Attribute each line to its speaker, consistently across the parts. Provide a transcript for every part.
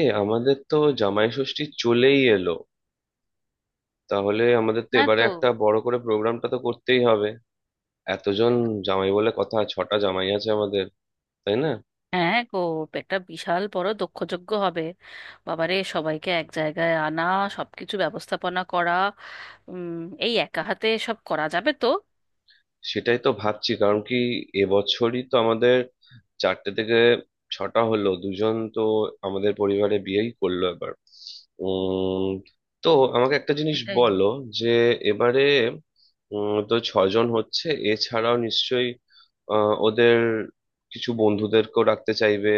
Speaker 1: এ আমাদের তো জামাই ষষ্ঠী চলেই এলো। তাহলে আমাদের তো
Speaker 2: না
Speaker 1: এবারে
Speaker 2: তো।
Speaker 1: একটা বড় করে প্রোগ্রামটা তো করতেই হবে। এতজন জামাই বলে কথা, 6টা জামাই আছে আমাদের, তাই না?
Speaker 2: হ্যাঁ গো। একটা বিশাল বড় দক্ষযজ্ঞ হবে। বাবারে, সবাইকে এক জায়গায় আনা, সবকিছু ব্যবস্থাপনা করা। উম এই একা হাতে সব করা যাবে তো?
Speaker 1: সেটাই তো ভাবছি। কারণ কি, এবছরই তো আমাদের চারটে থেকে 6টা হলো, 2 জন তো আমাদের পরিবারে বিয়েই করলো এবার। উম তো আমাকে একটা জিনিস
Speaker 2: এটাই।
Speaker 1: বলো, যে এবারে তো 6 জন হচ্ছে, এছাড়াও নিশ্চয়ই ওদের কিছু বন্ধুদেরকেও রাখতে চাইবে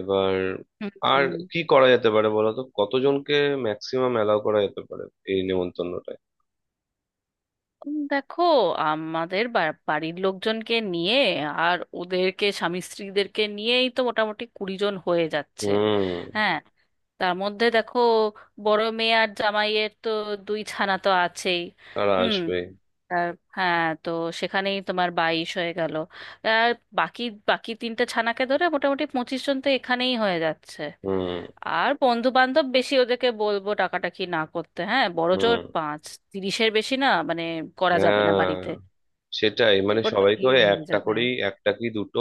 Speaker 1: এবার।
Speaker 2: হুম।
Speaker 1: আর কি করা যেতে পারে, বলো তো কতজনকে ম্যাক্সিমাম অ্যালাউ করা যেতে পারে এই নেমন্তন্নটায়।
Speaker 2: দেখো, আমাদের বাড়ির লোকজনকে নিয়ে আর ওদেরকে স্বামী স্ত্রীদেরকে নিয়েই তো মোটামুটি 20 জন হয়ে যাচ্ছে।
Speaker 1: হুম।
Speaker 2: হ্যাঁ। তার মধ্যে দেখো, বড় মেয়ে আর জামাইয়ের তো দুই ছানা তো আছেই।
Speaker 1: তারা
Speaker 2: হুম।
Speaker 1: আসবে।
Speaker 2: আর, হ্যাঁ তো সেখানেই তোমার 22 হয়ে গেল। আর বাকি বাকি তিনটে ছানাকে ধরে মোটামুটি 25 জন তো এখানেই হয়ে যাচ্ছে।
Speaker 1: হুম।
Speaker 2: আর বন্ধু বান্ধব বেশি ওদেরকে বলবো টাকাটা কি না করতে, হ্যাঁ বড় জোর
Speaker 1: হুম।
Speaker 2: পাঁচ। 30-এর বেশি না, মানে করা যাবে না
Speaker 1: হ্যাঁ
Speaker 2: বাড়িতে।
Speaker 1: সেটাই, মানে
Speaker 2: বড্ড
Speaker 1: সবাইকে ওই
Speaker 2: ভিড় হয়ে
Speaker 1: একটা
Speaker 2: যাবে।
Speaker 1: করেই, একটা কি দুটো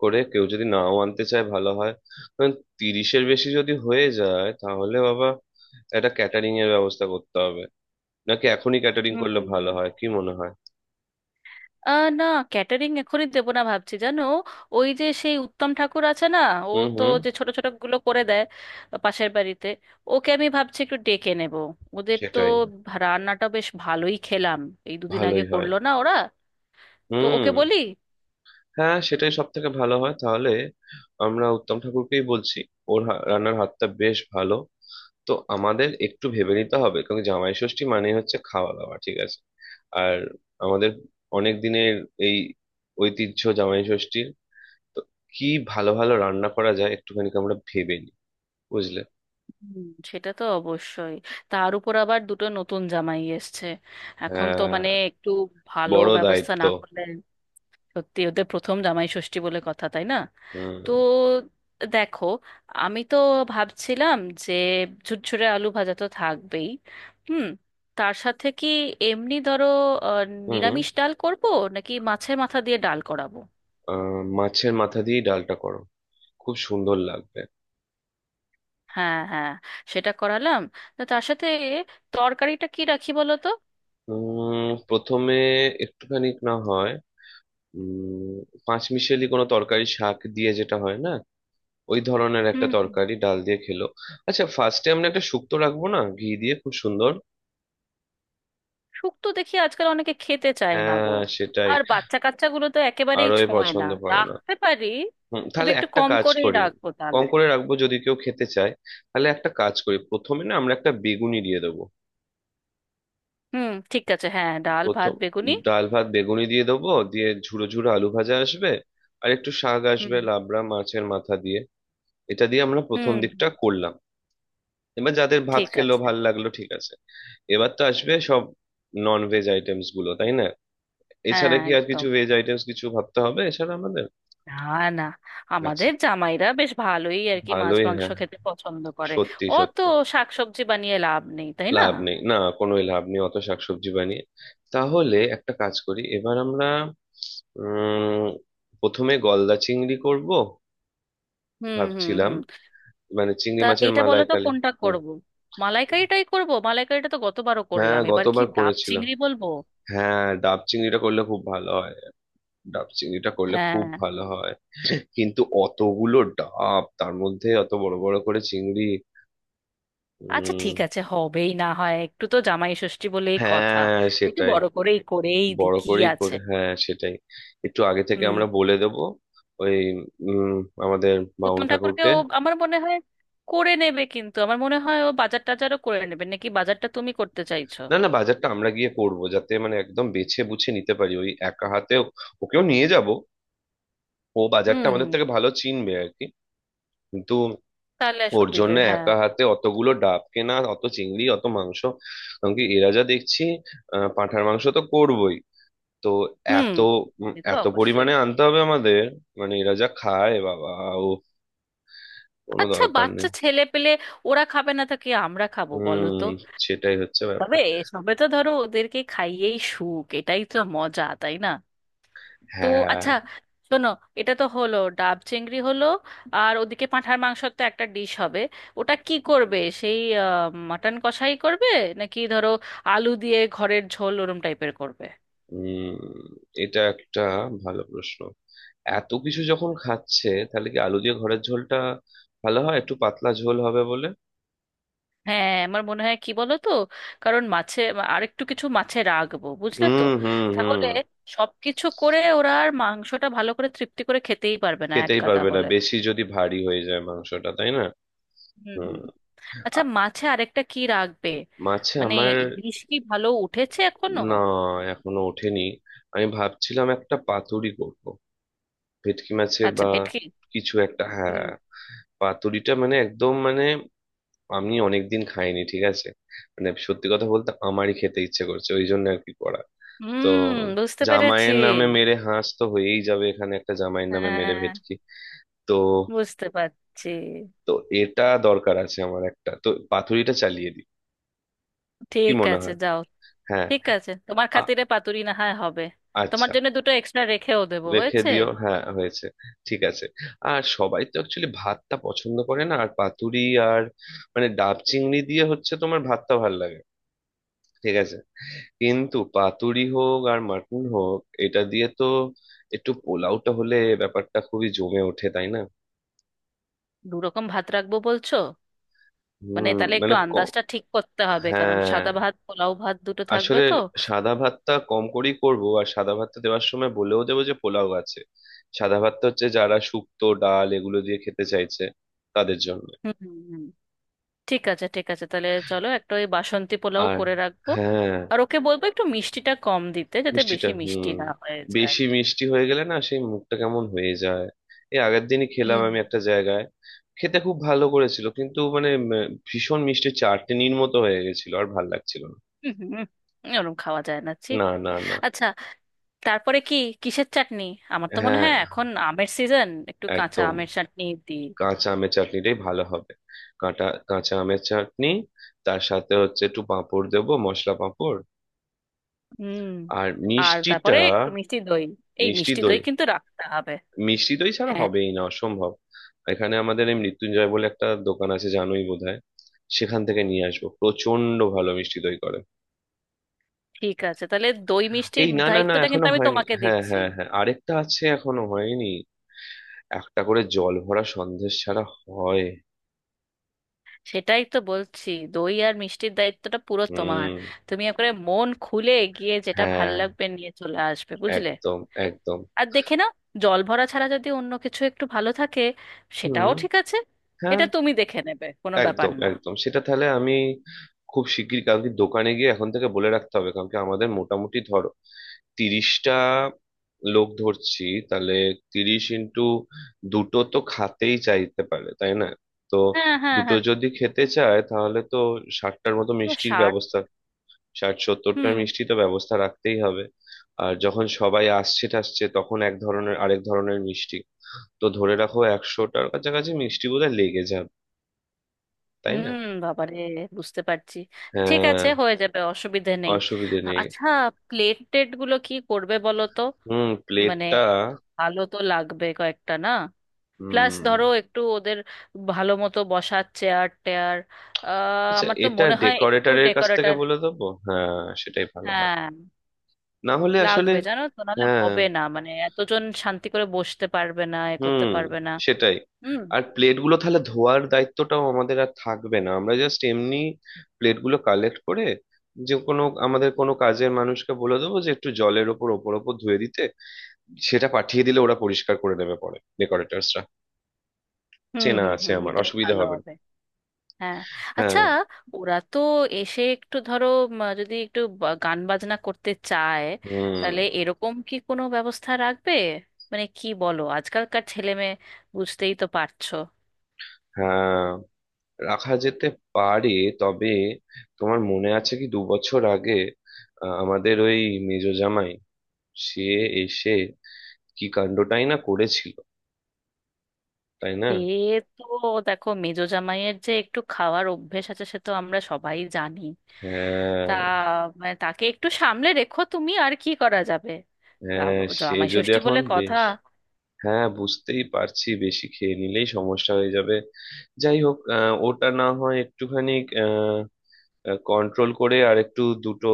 Speaker 1: করে কেউ যদি নাও আনতে চায় ভালো হয়। কারণ 30-এর বেশি যদি হয়ে যায় তাহলে বাবা একটা ক্যাটারিং এর ব্যবস্থা করতে হবে। নাকি এখনই ক্যাটারিং করলে
Speaker 2: হুম।
Speaker 1: ভালো হয়, কি মনে হয়?
Speaker 2: না, ক্যাটারিং এখনই দেবো না ভাবছি, জানো। ওই যে সেই উত্তম ঠাকুর আছে না, ও
Speaker 1: হুম।
Speaker 2: তো
Speaker 1: হুম।
Speaker 2: যে ছোট ছোট গুলো করে দেয় পাশের বাড়িতে, ওকে আমি ভাবছি একটু ডেকে নেব। ওদের তো
Speaker 1: সেটাই।
Speaker 2: রান্নাটা বেশ ভালোই খেলাম এই দুদিন আগে,
Speaker 1: ভালোই হয়।
Speaker 2: করলো না ওরা? তো
Speaker 1: হুম।
Speaker 2: ওকে বলি।
Speaker 1: হ্যাঁ সেটাই সব থেকে ভালো হয়, তাহলে আমরা উত্তম ঠাকুরকেই বলছি। ওর রান্নার হাতটা বেশ ভালো। তো আমাদের একটু ভেবে নিতে হবে, কারণ জামাই ষষ্ঠী মানে হচ্ছে খাওয়া দাওয়া ঠিক আছে, আর আমাদের অনেক দিনের এই ঐতিহ্য জামাই ষষ্ঠীর। তো কি ভালো ভালো রান্না করা যায় একটুখানি আমরা ভেবে নিই, বুঝলে?
Speaker 2: হুম। সেটা তো অবশ্যই। তার উপর আবার দুটো নতুন জামাই এসছে, এখন তো
Speaker 1: হ্যাঁ
Speaker 2: মানে একটু ভালো
Speaker 1: বড়
Speaker 2: ব্যবস্থা
Speaker 1: দায়িত্ব।
Speaker 2: না করলে। সত্যি, ওদের প্রথম জামাই ষষ্ঠী বলে কথা, তাই না? তো
Speaker 1: হুম।
Speaker 2: দেখো, আমি তো ভাবছিলাম যে ঝুরঝুরে আলু ভাজা তো থাকবেই। হুম। তার সাথে কি, এমনি ধরো, আহ,
Speaker 1: হুম।
Speaker 2: নিরামিষ ডাল করব নাকি মাছের মাথা দিয়ে ডাল করাবো?
Speaker 1: মাছের মাথা দিয়ে ডালটা করো, খুব সুন্দর লাগবে।
Speaker 2: হ্যাঁ হ্যাঁ, সেটা করালাম। তো তার সাথে তরকারিটা কি রাখি বলো তো?
Speaker 1: প্রথমে একটুখানি না হয় উম পাঁচমিশালি কোনো তরকারি, শাক দিয়ে যেটা হয় না, ওই ধরনের একটা
Speaker 2: হুম হুম।
Speaker 1: তরকারি ডাল দিয়ে খেলো। আচ্ছা ফার্স্টে আমরা একটা শুক্তো রাখবো না, ঘি দিয়ে খুব সুন্দর।
Speaker 2: শুক্তো দেখি আজকাল অনেকে খেতে চায় না গো।
Speaker 1: হ্যাঁ সেটাই।
Speaker 2: আর বাচ্চা কাচ্চাগুলো তো একেবারেই
Speaker 1: আরোই
Speaker 2: ছোঁয় না।
Speaker 1: পছন্দ করে না।
Speaker 2: রাখতে পারি।
Speaker 1: হুম,
Speaker 2: তবে
Speaker 1: তাহলে
Speaker 2: একটু
Speaker 1: একটা
Speaker 2: কম
Speaker 1: কাজ
Speaker 2: করেই
Speaker 1: করি,
Speaker 2: রাখবো
Speaker 1: কম
Speaker 2: তাহলে।
Speaker 1: করে রাখবো যদি কেউ খেতে চায়। তাহলে একটা কাজ করি, প্রথমে না আমরা একটা বেগুনি দিয়ে দেবো।
Speaker 2: হুম ঠিক আছে, হ্যাঁ ডাল ভাত
Speaker 1: প্রথম
Speaker 2: বেগুনি।
Speaker 1: ডাল ভাত বেগুনি দিয়ে দেবো, দিয়ে ঝুরো ঝুরো আলু ভাজা আসবে, আর একটু শাক আসবে
Speaker 2: হুম
Speaker 1: লাবড়া, মাছের মাথা দিয়ে। এটা দিয়ে আমরা প্রথম
Speaker 2: হুম।
Speaker 1: দিকটা করলাম। এবার যাদের ভাত
Speaker 2: ঠিক
Speaker 1: খেলো
Speaker 2: আছে।
Speaker 1: ভাল লাগলো ঠিক আছে। এবার তো আসবে সব নন ভেজ আইটেমস গুলো, তাই না?
Speaker 2: হ্যাঁ
Speaker 1: এছাড়া কি আর কিছু
Speaker 2: একদম।
Speaker 1: ভেজ আইটেমস কিছু ভাবতে হবে এছাড়া আমাদের?
Speaker 2: না না,
Speaker 1: আচ্ছা,
Speaker 2: আমাদের জামাইরা বেশ ভালোই আর কি মাছ
Speaker 1: ভালোই,
Speaker 2: মাংস
Speaker 1: হ্যাঁ,
Speaker 2: খেতে পছন্দ করে।
Speaker 1: সত্যি
Speaker 2: অত
Speaker 1: সত্যি।
Speaker 2: শাকসবজি বানিয়ে লাভ নেই, তাই না?
Speaker 1: লাভ নেই, না, কোনোই লাভ নেই অত শাকসবজি বানিয়ে। তাহলে একটা কাজ করি এবার আমরা, উম প্রথমে গলদা চিংড়ি করব,
Speaker 2: হুম হুম
Speaker 1: ভাবছিলাম,
Speaker 2: হুম।
Speaker 1: মানে চিংড়ি
Speaker 2: তা
Speaker 1: মাছের
Speaker 2: এটা বলো তো,
Speaker 1: মালাইকারি।
Speaker 2: কোনটা
Speaker 1: হুম।
Speaker 2: করব? মালাইকারিটাই করব? মালাইকারিটা তো গতবারও
Speaker 1: হ্যাঁ
Speaker 2: করলাম, এবার কি
Speaker 1: গতবার
Speaker 2: ডাব
Speaker 1: করেছিলাম।
Speaker 2: চিংড়ি বলবো?
Speaker 1: হ্যাঁ ডাব চিংড়িটা করলে খুব ভালো হয়, ডাব চিংড়িটা করলে খুব
Speaker 2: হ্যাঁ।
Speaker 1: ভালো হয়। কিন্তু অতগুলো ডাব, তার মধ্যে অত বড় বড় করে চিংড়ি।
Speaker 2: আচ্ছা, ঠিক আছে, হবেই না হয় একটু, তো জামাই ষষ্ঠী বলেই কথা।
Speaker 1: হ্যাঁ
Speaker 2: একটু
Speaker 1: সেটাই।
Speaker 2: বড় করেই করেই দি,
Speaker 1: বড়
Speaker 2: কি
Speaker 1: করেই
Speaker 2: আছে।
Speaker 1: করে, হ্যাঁ সেটাই। একটু আগে থেকে
Speaker 2: হুম।
Speaker 1: আমরা বলে দেব ওই উম আমাদের বাউন
Speaker 2: উত্তম ঠাকুরকে
Speaker 1: ঠাকুরকে।
Speaker 2: ও আমার মনে হয় করে নেবে, কিন্তু আমার মনে হয় ও বাজার টাজারও করে নেবে, নাকি বাজারটা তুমি করতে চাইছো?
Speaker 1: না না, বাজারটা আমরা গিয়ে করব, যাতে মানে একদম বেছে বুছে নিতে পারি। ওই একা হাতে ওকেও নিয়ে যাব, ও বাজারটা
Speaker 2: হুম
Speaker 1: আমাদের
Speaker 2: হুম।
Speaker 1: থেকে ভালো চিনবে আর কি। কিন্তু
Speaker 2: তাহলে আর
Speaker 1: ওর
Speaker 2: সুবিধে,
Speaker 1: জন্য
Speaker 2: হ্যাঁ।
Speaker 1: একা হাতে অতগুলো ডাব কেনা, অত চিংড়ি, অত মাংস, কারণ কি এরা যা দেখছি, পাঁঠার মাংস তো করবই। তো
Speaker 2: হুম।
Speaker 1: এত
Speaker 2: সে তো
Speaker 1: এত
Speaker 2: অবশ্যই।
Speaker 1: পরিমাণে আনতে হবে আমাদের। মানে এরা যা খায় বাবা, কোনো
Speaker 2: আচ্ছা,
Speaker 1: দরকার
Speaker 2: বাচ্চা
Speaker 1: নেই।
Speaker 2: ছেলে পেলে ওরা খাবে না তো কি আমরা খাবো বলো
Speaker 1: হুম,
Speaker 2: তো?
Speaker 1: সেটাই হচ্ছে ব্যাপার।
Speaker 2: তবে এসবে তো ধরো ওদেরকে খাইয়েই সুখ, এটাই তো মজা, তাই না? তো
Speaker 1: হ্যাঁ।
Speaker 2: আচ্ছা শোনো, এটা তো হলো, ডাব চিংড়ি হলো। আর ওদিকে পাঁঠার মাংসের তো একটা ডিশ হবে। ওটা কি করবে, সেই মাটন কষাই করবে নাকি ধরো আলু দিয়ে ঘরের ঝোল ওরম টাইপের করবে?
Speaker 1: হুম। এটা একটা ভালো প্রশ্ন। এত কিছু যখন খাচ্ছে, তাহলে কি আলু দিয়ে ঘরের ঝোলটা ভালো হয়, একটু পাতলা ঝোল হবে বলে।
Speaker 2: হ্যাঁ আমার মনে হয় কি বলো তো, কারণ মাছে আরেকটু কিছু মাছে রাখবো বুঝলে তো।
Speaker 1: হুম, হুম, হুম।
Speaker 2: তাহলে সবকিছু করে ওরা আর মাংসটা ভালো করে তৃপ্তি করে খেতেই পারবে না, এক
Speaker 1: খেতেই
Speaker 2: গাদা
Speaker 1: পারবে না,
Speaker 2: হলে।
Speaker 1: বেশি যদি ভারী হয়ে যায় মাংসটা, তাই না?
Speaker 2: হুম
Speaker 1: হুম।
Speaker 2: হুম। আচ্ছা
Speaker 1: আ-
Speaker 2: মাছে আরেকটা কি রাখবে?
Speaker 1: মাছে
Speaker 2: মানে
Speaker 1: আমার।
Speaker 2: ইলিশ কি ভালো উঠেছে এখনো?
Speaker 1: না, এখনো ওঠেনি। আমি ভাবছিলাম একটা পাতুরি করব, ভেটকি মাছের
Speaker 2: আচ্ছা
Speaker 1: বা
Speaker 2: ভেটকি।
Speaker 1: কিছু একটা। হ্যাঁ
Speaker 2: হুম।
Speaker 1: পাতুরিটা মানে একদম, মানে আমি অনেকদিন খাইনি, ঠিক আছে, মানে সত্যি কথা বলতে আমারই খেতে ইচ্ছে করছে, ওই জন্য আর কি করা। তো
Speaker 2: হুম বুঝতে পেরেছি।
Speaker 1: জামাইয়ের নামে মেরে হাঁস তো হয়েই যাবে, এখানে একটা জামাইয়ের নামে মেরে
Speaker 2: হ্যাঁ
Speaker 1: ভেটকি। তো
Speaker 2: বুঝতে পারছি।
Speaker 1: তো এটা দরকার আছে, আমার একটা তো পাতুরিটা চালিয়ে দিই। কি
Speaker 2: ঠিক
Speaker 1: মনে
Speaker 2: আছে
Speaker 1: হয়?
Speaker 2: যাও।
Speaker 1: হ্যাঁ।
Speaker 2: ঠিক আছে, তোমার
Speaker 1: আ-
Speaker 2: খাতিরে পাতুরি না হয় হবে। তোমার
Speaker 1: আচ্ছা।
Speaker 2: জন্য দুটো এক্সট্রা রেখেও দেবো,
Speaker 1: রেখে
Speaker 2: হয়েছে।
Speaker 1: দিও, হ্যাঁ হয়েছে, ঠিক আছে। আর সবাই তো অ্যাকচুয়ালি ভাতটা পছন্দ করে না আর পাতুরি। আর মানে ডাব চিংড়ি দিয়ে হচ্ছে, তোমার ভাতটা ভালো লাগে না। ঠিক আছে। কিন্তু পাতুরি হোক আর মাটন হোক, এটা দিয়ে তো একটু পোলাওটা হলে ব্যাপারটা খুবই জমে ওঠে, তাই না?
Speaker 2: দু রকম ভাত রাখবো বলছো? মানে
Speaker 1: হুম,
Speaker 2: তাহলে
Speaker 1: মানে
Speaker 2: একটু
Speaker 1: কম,
Speaker 2: আন্দাজটা ঠিক করতে হবে, কারণ
Speaker 1: হ্যাঁ,
Speaker 2: সাদা ভাত পোলাও ভাত দুটো থাকবে
Speaker 1: আসলে
Speaker 2: তো।
Speaker 1: সাদা ভাতটা কম করেই করব, আর সাদা ভাতটা দেওয়ার সময় বলেও দেবো যে পোলাও আছে। সাদা ভাতটা হচ্ছে যারা শুক্তো ডাল এগুলো দিয়ে খেতে চাইছে, তাদের জন্য।
Speaker 2: হুম হুম, হুম। ঠিক আছে, ঠিক আছে, তাহলে চলো একটা ওই বাসন্তী পোলাও
Speaker 1: আর
Speaker 2: করে রাখবো।
Speaker 1: হ্যাঁ।
Speaker 2: আর ওকে বলবো একটু মিষ্টিটা কম দিতে, যাতে
Speaker 1: মিষ্টিটা,
Speaker 2: বেশি মিষ্টি
Speaker 1: হুম,
Speaker 2: না হয়ে যায়।
Speaker 1: বেশি মিষ্টি হয়ে গেলে না সেই মুখটা কেমন হয়ে যায়। এই আগের দিনই খেলাম
Speaker 2: হুম
Speaker 1: আমি একটা জায়গায়, খেতে খুব ভালো করেছিল, কিন্তু মানে ভীষণ মিষ্টি চাটনির মতো হয়ে গেছিল, আর ভাল লাগছিল।
Speaker 2: হুম হুম, ওরম খাওয়া যায় না, ঠিক।
Speaker 1: না না না না।
Speaker 2: আচ্ছা তারপরে কি, কিসের চাটনি? আমার তো মনে
Speaker 1: হ্যাঁ
Speaker 2: হয় এখন আমের সিজন, একটু কাঁচা
Speaker 1: একদম,
Speaker 2: আমের চাটনি দিই।
Speaker 1: কাঁচা আমের চাটনিটাই ভালো হবে। কাঁটা কাঁচা আমের চাটনি, তার সাথে হচ্ছে একটু পাঁপড় দেবো, মশলা পাঁপড়।
Speaker 2: হুম।
Speaker 1: আর
Speaker 2: আর তারপরে
Speaker 1: মিষ্টিটা,
Speaker 2: একটু মিষ্টি দই, এই
Speaker 1: মিষ্টি
Speaker 2: মিষ্টি
Speaker 1: দই।
Speaker 2: দই কিন্তু রাখতে হবে।
Speaker 1: মিষ্টি দই ছাড়া
Speaker 2: হ্যাঁ।
Speaker 1: হবেই না, অসম্ভব। এখানে আমাদের এই মৃত্যুঞ্জয় বলে একটা দোকান আছে, জানোই বোধহয়, সেখান থেকে নিয়ে আসবো প্রচন্ড ভালো মিষ্টি দই করে।
Speaker 2: ঠিক আছে, তাহলে দই মিষ্টির
Speaker 1: এই না না না,
Speaker 2: দায়িত্বটা
Speaker 1: এখনো
Speaker 2: কিন্তু আমি
Speaker 1: হয়নি,
Speaker 2: তোমাকে
Speaker 1: হ্যাঁ
Speaker 2: দিচ্ছি।
Speaker 1: হ্যাঁ হ্যাঁ, আরেকটা আছে এখনো হয়নি, একটা করে জল ভরা সন্দেশ ছাড়া হয়?
Speaker 2: সেটাই তো বলছি, দই আর মিষ্টির দায়িত্বটা পুরো তোমার।
Speaker 1: হুম।
Speaker 2: তুমি একবারে মন খুলে গিয়ে যেটা ভাল
Speaker 1: হ্যাঁ
Speaker 2: লাগবে নিয়ে চলে আসবে, বুঝলে।
Speaker 1: একদম একদম।
Speaker 2: আর দেখে নাও, জল ভরা ছাড়া যদি অন্য কিছু একটু ভালো থাকে
Speaker 1: হুম।
Speaker 2: সেটাও ঠিক আছে।
Speaker 1: হ্যাঁ
Speaker 2: এটা তুমি দেখে নেবে, কোনো ব্যাপার
Speaker 1: একদম
Speaker 2: না।
Speaker 1: একদম। সেটা তাহলে আমি খুব শিগগির কালকে দোকানে গিয়ে এখন থেকে বলে রাখতে হবে। কারণ কি আমাদের মোটামুটি ধরো 30টা লোক ধরছি, তাহলে 30 ইন্টু দুটো তো খাতেই চাইতে পারে, তাই না? তো
Speaker 2: হ্যাঁ হ্যাঁ
Speaker 1: দুটো
Speaker 2: হ্যাঁ।
Speaker 1: যদি খেতে চায় তাহলে তো 60টার মতো
Speaker 2: পুরো
Speaker 1: মিষ্টির
Speaker 2: 60?
Speaker 1: ব্যবস্থা, 60-70টা
Speaker 2: হুম
Speaker 1: মিষ্টি তো ব্যবস্থা রাখতেই হবে। আর যখন সবাই আসছে টাসছে, তখন এক ধরনের আরেক ধরনের মিষ্টি, তো ধরে রাখো 100টার কাছাকাছি মিষ্টি বোধহয় লেগে যাবে, তাই না?
Speaker 2: হুম। বাবারে, বুঝতে পারছি। ঠিক
Speaker 1: হ্যাঁ
Speaker 2: আছে হয়ে যাবে, অসুবিধে নেই।
Speaker 1: অসুবিধে নেই।
Speaker 2: আচ্ছা, প্লেট টেট গুলো কি করবে বলো তো?
Speaker 1: হুম
Speaker 2: মানে
Speaker 1: প্লেটটা,
Speaker 2: ভালো তো লাগবে কয়েকটা না। প্লাস
Speaker 1: হুম।
Speaker 2: ধরো একটু ওদের ভালো মতো বসার চেয়ার টেয়ার।
Speaker 1: আচ্ছা
Speaker 2: আমার তো
Speaker 1: এটা
Speaker 2: মনে হয় একটু
Speaker 1: ডেকোরেটরের কাছ থেকে
Speaker 2: ডেকোরেটর।
Speaker 1: বলে দেবো, হ্যাঁ সেটাই ভালো হয়।
Speaker 2: হ্যাঁ
Speaker 1: না হলে আসলে
Speaker 2: লাগবে জানো তো, নাহলে
Speaker 1: হ্যাঁ,
Speaker 2: হবে না মানে এতজন শান্তি করে বসতে পারবে না, এ করতে
Speaker 1: হুম
Speaker 2: পারবে না।
Speaker 1: সেটাই।
Speaker 2: হুম
Speaker 1: আর প্লেটগুলো তাহলে ধোয়ার দায়িত্বটাও আমাদের আর থাকবে না, আমরা জাস্ট এমনি প্লেটগুলো কালেক্ট করে, যে কোনো আমাদের কোনো কাজের মানুষকে বলে দেবো যে একটু জলের ওপর ওপর ওপর ধুয়ে দিতে, সেটা পাঠিয়ে দিলে ওরা পরিষ্কার করে নেবে পরে ডেকোরেটরসরা।
Speaker 2: হুম
Speaker 1: চেনা
Speaker 2: হুম
Speaker 1: আছে
Speaker 2: হুম,
Speaker 1: আমার,
Speaker 2: এটাই
Speaker 1: অসুবিধা
Speaker 2: ভালো
Speaker 1: হবে না।
Speaker 2: হবে। হ্যাঁ।
Speaker 1: হ্যাঁ।
Speaker 2: আচ্ছা, ওরা তো এসে একটু ধরো, যদি একটু গান বাজনা করতে চায়,
Speaker 1: হুম।
Speaker 2: তাহলে এরকম কি কোনো ব্যবস্থা রাখবে? মানে কি বলো, আজকালকার ছেলে মেয়ে বুঝতেই তো পারছো।
Speaker 1: হ্যাঁ রাখা যেতে পারে, তবে তোমার মনে আছে কি 2 বছর আগে, আমাদের ওই মেজ জামাই সে এসে কি কাণ্ডটাই না করেছিল, তাই না?
Speaker 2: সে তো, দেখো মেজো জামাইয়ের যে একটু খাওয়ার অভ্যেস আছে সে তো আমরা সবাই জানি।
Speaker 1: হ্যাঁ।
Speaker 2: তা মানে তাকে একটু সামলে রেখো তুমি, আর কি করা যাবে।
Speaker 1: হ্যাঁ সে
Speaker 2: জামাই
Speaker 1: যদি
Speaker 2: ষষ্ঠী
Speaker 1: এখন
Speaker 2: বলে কথা।
Speaker 1: বেশ, হ্যাঁ বুঝতেই পারছি, বেশি খেয়ে নিলেই সমস্যা হয়ে যাবে। যাই হোক ওটা না হয় একটুখানি কন্ট্রোল করে, আর একটু দুটো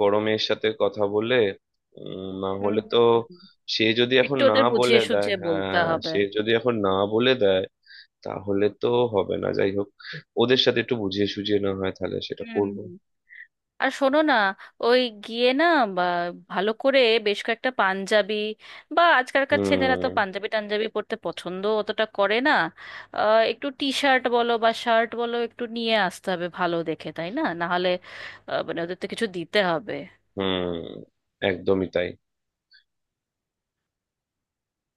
Speaker 1: বড় মেয়ের সাথে কথা বলে, না
Speaker 2: হুম
Speaker 1: হলে তো।
Speaker 2: হুম।
Speaker 1: সে যদি এখন
Speaker 2: একটু
Speaker 1: না
Speaker 2: ওদের
Speaker 1: বলে
Speaker 2: বুঝিয়ে
Speaker 1: দেয়,
Speaker 2: সুঝিয়ে বলতে
Speaker 1: হ্যাঁ
Speaker 2: হবে।
Speaker 1: সে যদি এখন না বলে দেয় তাহলে তো হবে না। যাই হোক, ওদের সাথে একটু বুঝিয়ে সুঝিয়ে না হয় তাহলে সেটা
Speaker 2: হুম।
Speaker 1: করবো।
Speaker 2: আর শোনো না, ওই গিয়ে না, বা ভালো করে বেশ কয়েকটা পাঞ্জাবি বা আজকালকার ছেলেরা তো
Speaker 1: হুম।
Speaker 2: পাঞ্জাবি টাঞ্জাবি পরতে পছন্দ অতটা করে না। একটু টি শার্ট বলো বা শার্ট বলো একটু নিয়ে আসতে হবে ভালো দেখে, তাই না, না হলে মানে ওদের তো কিছু দিতে হবে।
Speaker 1: হুম। একদমই তাই।